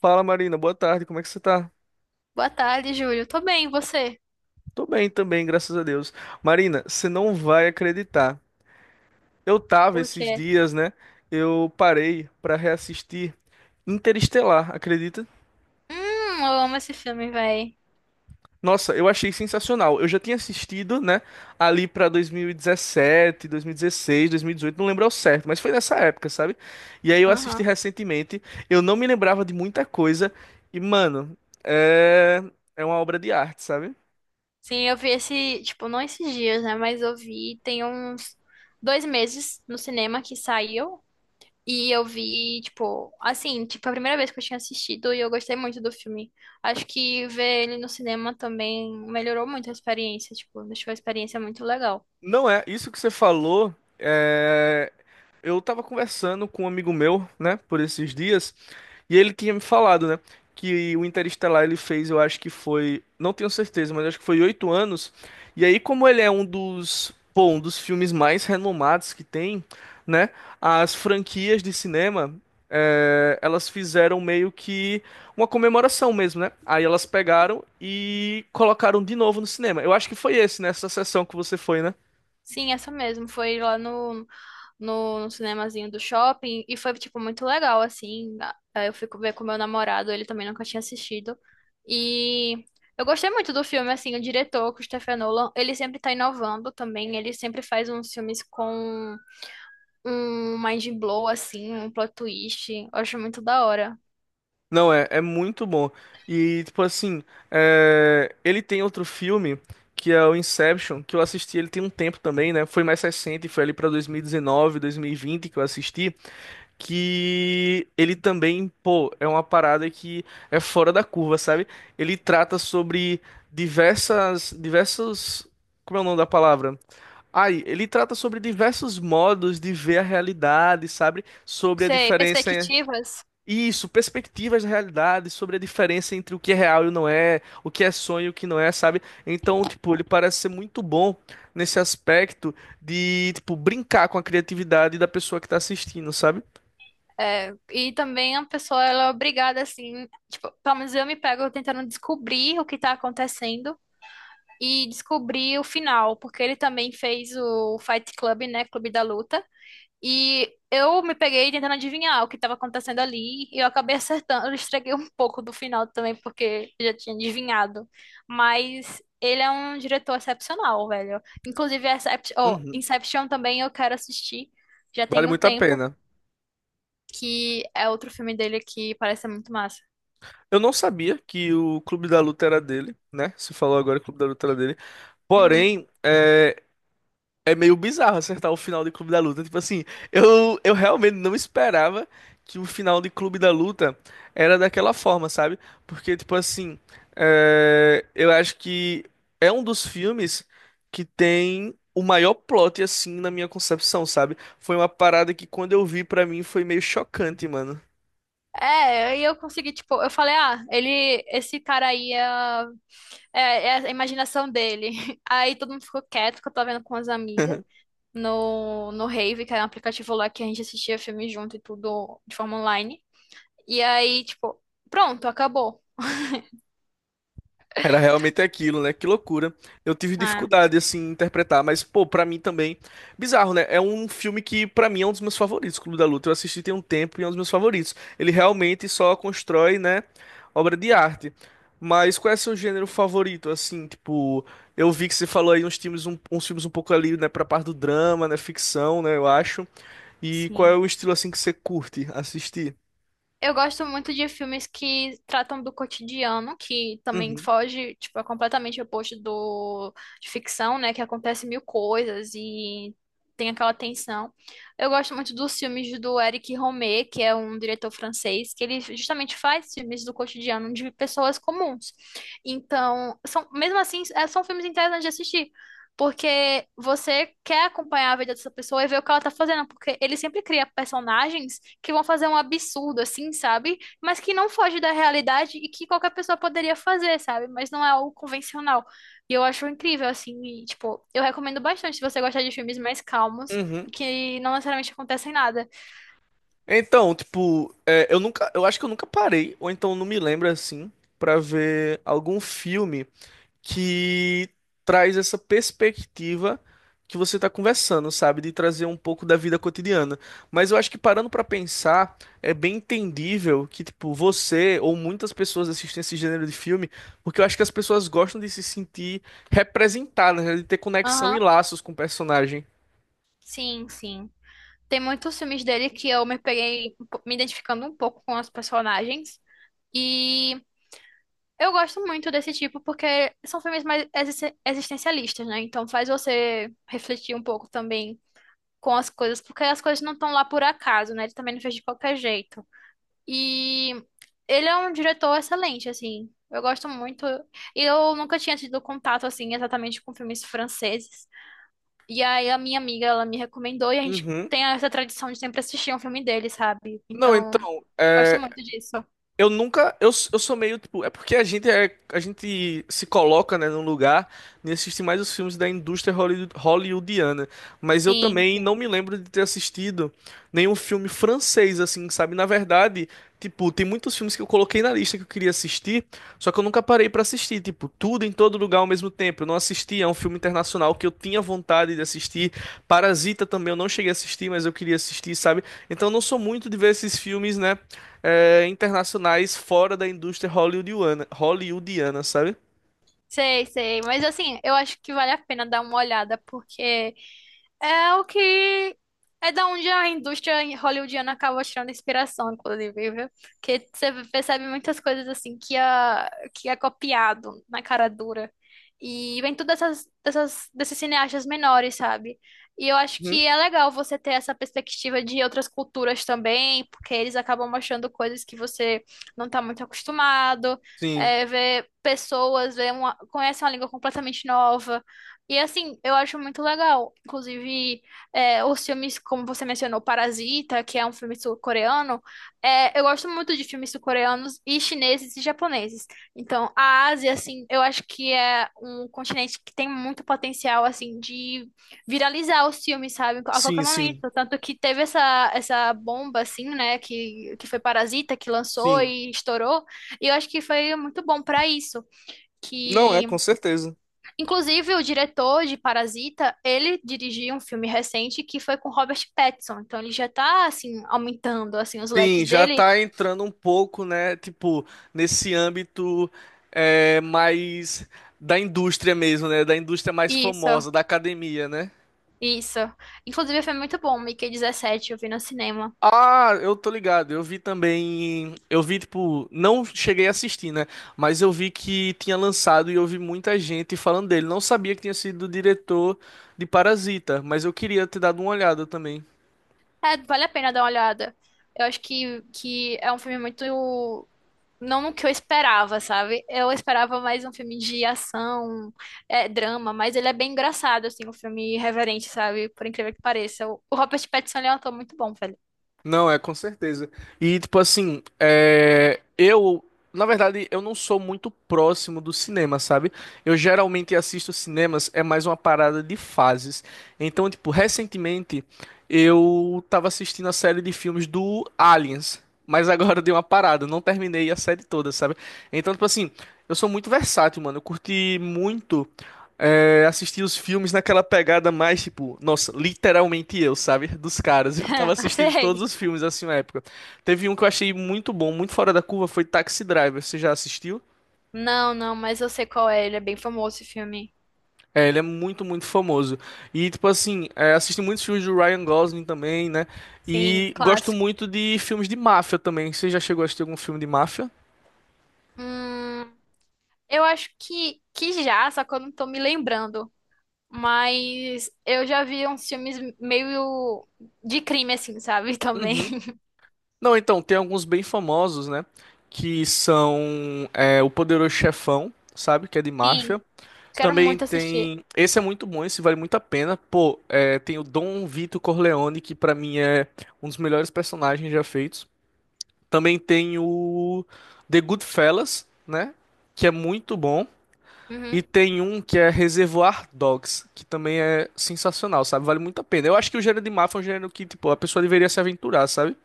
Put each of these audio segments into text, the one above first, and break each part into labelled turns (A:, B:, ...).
A: Fala, Marina, boa tarde, como é que você tá?
B: Boa tarde, Júlio. Tô bem, e você?
A: Tô bem também, graças a Deus. Marina, você não vai acreditar. Eu tava
B: Por
A: esses
B: quê?
A: dias, né? Eu parei pra reassistir Interestelar, acredita?
B: Hum, eu amo esse filme, véi.
A: Nossa, eu achei sensacional. Eu já tinha assistido, né, ali pra 2017, 2016, 2018, não lembro ao certo, mas foi nessa época, sabe? E aí eu assisti
B: Aham.
A: recentemente, eu não me lembrava de muita coisa e, mano, é, é uma obra de arte, sabe?
B: Sim, eu vi esse, tipo, não esses dias, né? Mas eu vi tem uns 2 meses no cinema que saiu. E eu vi, tipo, assim, tipo, a primeira vez que eu tinha assistido e eu gostei muito do filme. Acho que ver ele no cinema também melhorou muito a experiência, tipo, deixou a experiência muito legal.
A: Não é, isso que você falou, é, eu tava conversando com um amigo meu, né, por esses dias, e ele tinha me falado, né, que o Interestelar ele fez, eu acho que foi, não tenho certeza, mas acho que foi 8 anos, e aí como ele é um dos, pô, um dos filmes mais renomados que tem, né, as franquias de cinema, elas fizeram meio que uma comemoração mesmo, né, aí elas pegaram e colocaram de novo no cinema, eu acho que foi esse, nessa sessão que você foi, né?
B: Sim, essa mesmo. Foi lá no cinemazinho do shopping e foi, tipo, muito legal, assim. Aí eu fui ver com meu namorado, ele também nunca tinha assistido. E eu gostei muito do filme, assim, o diretor, Christopher Nolan, ele sempre tá inovando também, ele sempre faz uns filmes com um mind blow, assim, um plot twist. Eu acho muito da hora.
A: Não, é muito bom. E, tipo assim, ele tem outro filme, que é o Inception, que eu assisti, ele tem um tempo também, né? Foi mais recente, foi ali pra 2019, 2020 que eu assisti, que ele também, pô, é uma parada que é fora da curva, sabe? Ele trata sobre diversas, diversos, como é o nome da palavra? Ai, ele trata sobre diversos modos de ver a realidade, sabe? Sobre a
B: Sei,
A: diferença.
B: perspectivas.
A: Isso, perspectivas da realidade sobre a diferença entre o que é real e o não é, o que é sonho e o que não é, sabe? Então, tipo, ele parece ser muito bom nesse aspecto de, tipo, brincar com a criatividade da pessoa que tá assistindo, sabe?
B: É, e também a pessoa, ela é obrigada, assim, tipo, pelo menos eu me pego tentando descobrir o que tá acontecendo e descobri o final, porque ele também fez o Fight Club, né? Clube da Luta. E eu me peguei tentando adivinhar o que estava acontecendo ali e eu acabei acertando. Eu estraguei um pouco do final também, porque eu já tinha adivinhado. Mas ele é um diretor excepcional, velho. Inclusive,
A: Uhum.
B: Inception também eu quero assistir. Já
A: Vale
B: tem um
A: muito a
B: tempo,
A: pena.
B: que é outro filme dele que parece ser muito massa.
A: Eu não sabia que o Clube da Luta era dele, né? Você falou agora que o Clube da Luta era dele.
B: Uhum.
A: Porém, é meio bizarro acertar o final de Clube da Luta. Tipo assim, eu realmente não esperava que o final de Clube da Luta era daquela forma, sabe? Porque, tipo assim, eu acho que é um dos filmes que tem o maior plot, assim, na minha concepção, sabe? Foi uma parada que quando eu vi, pra mim, foi meio chocante, mano.
B: É, e eu consegui, tipo, eu falei, ah, ele, esse cara aí é a imaginação dele. Aí todo mundo ficou quieto, que eu tava vendo com as amigas no Rave, que era um aplicativo lá que a gente assistia filme junto e tudo de forma online. E aí, tipo, pronto, acabou.
A: Era realmente aquilo, né? Que loucura. Eu tive
B: Ah,
A: dificuldade, assim, em interpretar, mas, pô, pra mim também. Bizarro, né? É um filme que, pra mim, é um dos meus favoritos. Clube da Luta. Eu assisti tem um tempo e é um dos meus favoritos. Ele realmente só constrói, né? Obra de arte. Mas qual é seu gênero favorito, assim? Tipo, eu vi que você falou aí uns filmes, uns filmes um pouco ali, né? Pra parte do drama, né? Ficção, né? Eu acho. E qual é
B: sim.
A: o estilo, assim, que você curte assistir?
B: Eu gosto muito de filmes que tratam do cotidiano, que também
A: Uhum.
B: foge, tipo, é completamente oposto do de ficção, né? Que acontece mil coisas e tem aquela tensão. Eu gosto muito dos filmes do Eric Romer, que é um diretor francês, que ele justamente faz filmes do cotidiano de pessoas comuns. Então, são, mesmo assim, são filmes interessantes de assistir. Porque você quer acompanhar a vida dessa pessoa e ver o que ela tá fazendo, porque ele sempre cria personagens que vão fazer um absurdo, assim, sabe? Mas que não foge da realidade e que qualquer pessoa poderia fazer, sabe? Mas não é algo convencional. E eu acho incrível, assim, e, tipo, eu recomendo bastante se você gostar de filmes mais calmos
A: Uhum.
B: e que não necessariamente acontecem nada.
A: Então, tipo, eu nunca, eu acho que eu nunca parei, ou então não me lembro assim, pra ver algum filme que traz essa perspectiva que você tá conversando, sabe? De trazer um pouco da vida cotidiana. Mas eu acho que parando pra pensar, é bem entendível que, tipo, você ou muitas pessoas assistem esse gênero de filme, porque eu acho que as pessoas gostam de se sentir representadas, né? De ter conexão e
B: Aham,
A: laços com o personagem.
B: sim, sim. Tem muitos filmes dele que eu me peguei me identificando um pouco com os personagens. E eu gosto muito desse tipo porque são filmes mais existencialistas, né? Então faz você refletir um pouco também com as coisas, porque as coisas não estão lá por acaso, né? Ele também não fez de qualquer jeito. E ele é um diretor excelente, assim. Eu gosto muito. E eu nunca tinha tido contato, assim, exatamente com filmes franceses. E aí a minha amiga, ela me recomendou e a gente
A: Uhum.
B: tem essa tradição de sempre assistir um filme dele, sabe?
A: Não,
B: Então,
A: então,
B: gosto muito
A: é,
B: disso.
A: Eu nunca, eu sou meio tipo, porque a gente a gente se coloca, né, num lugar e assiste mais os filmes da indústria hollywoodiana, mas eu
B: Sim,
A: também não
B: sim.
A: me lembro de ter assistido nenhum filme francês assim, sabe? Na verdade, tipo, tem muitos filmes que eu coloquei na lista que eu queria assistir, só que eu nunca parei pra assistir, tipo, tudo em todo lugar ao mesmo tempo. Eu não assisti, é um filme internacional que eu tinha vontade de assistir. Parasita também eu não cheguei a assistir, mas eu queria assistir, sabe? Então eu não sou muito de ver esses filmes, né, internacionais fora da indústria hollywoodiana, sabe?
B: Sei, sei. Mas assim, eu acho que vale a pena dar uma olhada, porque É o que é da onde a indústria hollywoodiana acaba tirando inspiração, inclusive, viu? Porque você percebe muitas coisas assim que é copiado na cara dura. E vem tudo desses cineastas menores, sabe? E eu acho
A: Uhum.
B: que é legal você ter essa perspectiva de outras culturas também, porque eles acabam mostrando coisas que você não tá muito acostumado,
A: Sim,
B: ver pessoas, ver uma, conhece uma língua completamente nova. E assim, eu acho muito legal. Inclusive, os filmes, como você mencionou, Parasita, que é um filme sul-coreano, eu gosto muito de filmes sul-coreanos e chineses e japoneses. Então, a Ásia, assim, eu acho que é um continente que tem muito potencial, assim, de viralizar os filmes, sabe? A qualquer
A: sim,
B: momento.
A: sim,
B: Tanto que teve essa, bomba, assim, né, que foi Parasita, que lançou
A: sim.
B: e estourou. E eu acho que foi muito bom pra isso.
A: Não é,
B: Que
A: com certeza.
B: Inclusive, o diretor de Parasita, ele dirigiu um filme recente que foi com Robert Pattinson. Então, ele já tá, assim, aumentando, assim, os leques
A: Sim, já
B: dele.
A: tá entrando um pouco, né? Tipo, nesse âmbito mais da indústria mesmo, né? Da indústria mais
B: Isso,
A: famosa, da academia, né?
B: isso. Inclusive, foi muito bom, Mickey 17, eu vi no cinema.
A: Ah, eu tô ligado. Eu vi também. Eu vi, tipo, não cheguei a assistir, né? Mas eu vi que tinha lançado e eu vi muita gente falando dele. Não sabia que tinha sido o diretor de Parasita, mas eu queria ter dado uma olhada também.
B: É, vale a pena dar uma olhada. Eu acho que é um filme muito... Não no que eu esperava, sabe? Eu esperava mais um filme de ação, drama, mas ele é bem engraçado, assim, um filme irreverente, sabe? Por incrível que pareça. O Robert Pattinson, ele é um ator muito bom, velho.
A: Não, é com certeza. E tipo assim, eu, na verdade, eu não sou muito próximo do cinema, sabe? Eu geralmente assisto cinemas, é mais uma parada de fases. Então, tipo, recentemente eu tava assistindo a série de filmes do Aliens, mas agora dei uma parada, eu não terminei a série toda, sabe? Então, tipo assim, eu sou muito versátil, mano. Eu curti muito assistir os filmes naquela pegada mais, tipo, nossa, literalmente eu, sabe? Dos caras. Eu tava assistindo todos
B: Sei.
A: os filmes assim na época. Teve um que eu achei muito bom, muito fora da curva, foi Taxi Driver. Você já assistiu?
B: Não, não, mas eu sei qual é. Ele é bem famoso esse filme.
A: É, ele é muito, muito famoso. E, tipo assim, assisti muitos filmes do Ryan Gosling também, né?
B: Sim,
A: E gosto
B: clássico.
A: muito de filmes de máfia também. Você já chegou a assistir algum filme de máfia?
B: Hum, eu acho que já, só que eu não tô me lembrando. Mas eu já vi uns filmes meio de crime, assim, sabe? Também.
A: Uhum. Não, então, tem alguns bem famosos, né? Que são O Poderoso Chefão, sabe? Que é de
B: Sim,
A: máfia.
B: quero
A: Também
B: muito assistir.
A: tem. Esse é muito bom, esse vale muito a pena. Pô, tem o Dom Vito Corleone, que pra mim é um dos melhores personagens já feitos. Também tem o The Goodfellas, né? Que é muito bom. E
B: Uhum.
A: tem um que é Reservoir Dogs, que também é sensacional, sabe? Vale muito a pena. Eu acho que o gênero de máfia é um gênero que, tipo, a pessoa deveria se aventurar, sabe?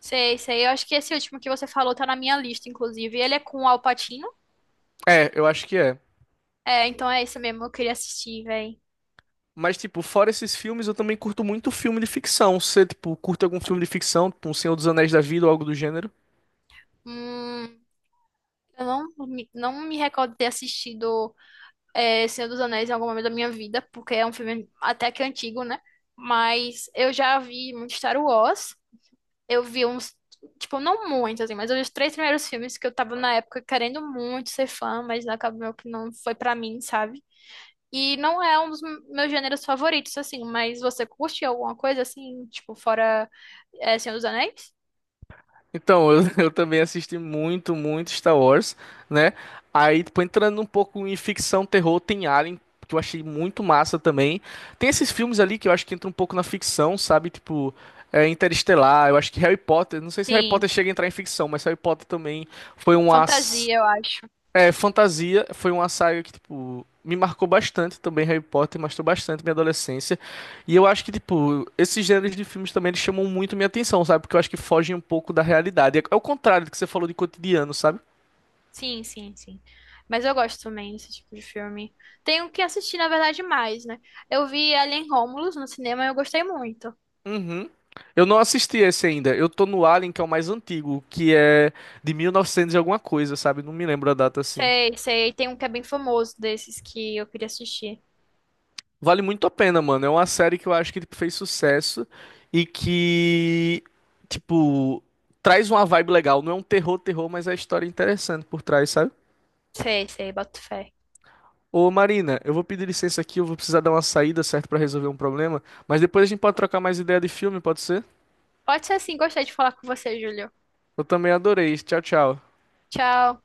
B: Sei, sei. Eu acho que esse último que você falou tá na minha lista, inclusive. Ele é com o Al Pacino.
A: É, eu acho que é.
B: É, então é isso mesmo. Eu queria assistir, véi.
A: Mas, tipo, fora esses filmes, eu também curto muito filme de ficção. Você, tipo, curte algum filme de ficção, tipo, um Senhor dos Anéis da Vida ou algo do gênero?
B: Hum, eu não me recordo de ter assistido. Senhor dos Anéis em algum momento da minha vida, porque é um filme até que antigo, né? Mas eu já vi muito Star Wars. Eu vi uns, tipo, não muito, assim, mas eu vi os três primeiros filmes que eu tava na época querendo muito ser fã, mas acabou que não foi pra mim, sabe? E não é um dos meus gêneros favoritos, assim, mas você curte alguma coisa, assim, tipo, fora, Senhor dos Anéis?
A: Então, eu, eu também assisti muito, muito Star Wars, né? Aí, tipo, entrando um pouco em ficção, terror, tem Alien, que eu achei muito massa também. Tem esses filmes ali que eu acho que entra um pouco na ficção, sabe? Tipo, Interestelar, eu acho que Harry Potter, não sei se Harry
B: Sim,
A: Potter chega a
B: sim.
A: entrar em ficção, mas Harry Potter também foi uma
B: Fantasia, eu acho.
A: Fantasia foi uma saga que, tipo, me marcou bastante também. Harry Potter marcou bastante minha adolescência. E eu acho que, tipo, esses gêneros de filmes também eles chamam muito minha atenção, sabe? Porque eu acho que fogem um pouco da realidade. É é o contrário do que você falou de cotidiano, sabe?
B: Sim, sim, sim. Mas eu gosto também desse tipo de filme. Tenho que assistir, na verdade, mais, né? Eu vi Alien Romulus no cinema e eu gostei muito.
A: Uhum. Eu não assisti esse ainda. Eu tô no Alien, que é o mais antigo, que é de 1900 e novecentos e alguma coisa, sabe? Não me lembro a data assim.
B: Sei, sei. Tem um que é bem famoso desses que eu queria assistir.
A: Vale muito a pena, mano. É uma série que eu acho que tipo, fez sucesso e que, tipo, traz uma vibe legal. Não é um terror, terror, mas é a história interessante por trás, sabe?
B: Sei, sei, boto fé.
A: Ô, Marina, eu vou pedir licença aqui, eu vou precisar dar uma saída, certo, pra resolver um problema, mas depois a gente pode trocar mais ideia de filme, pode ser?
B: Pode ser assim, gostei de falar com você, Júlio.
A: Eu também adorei. Tchau, tchau.
B: Tchau.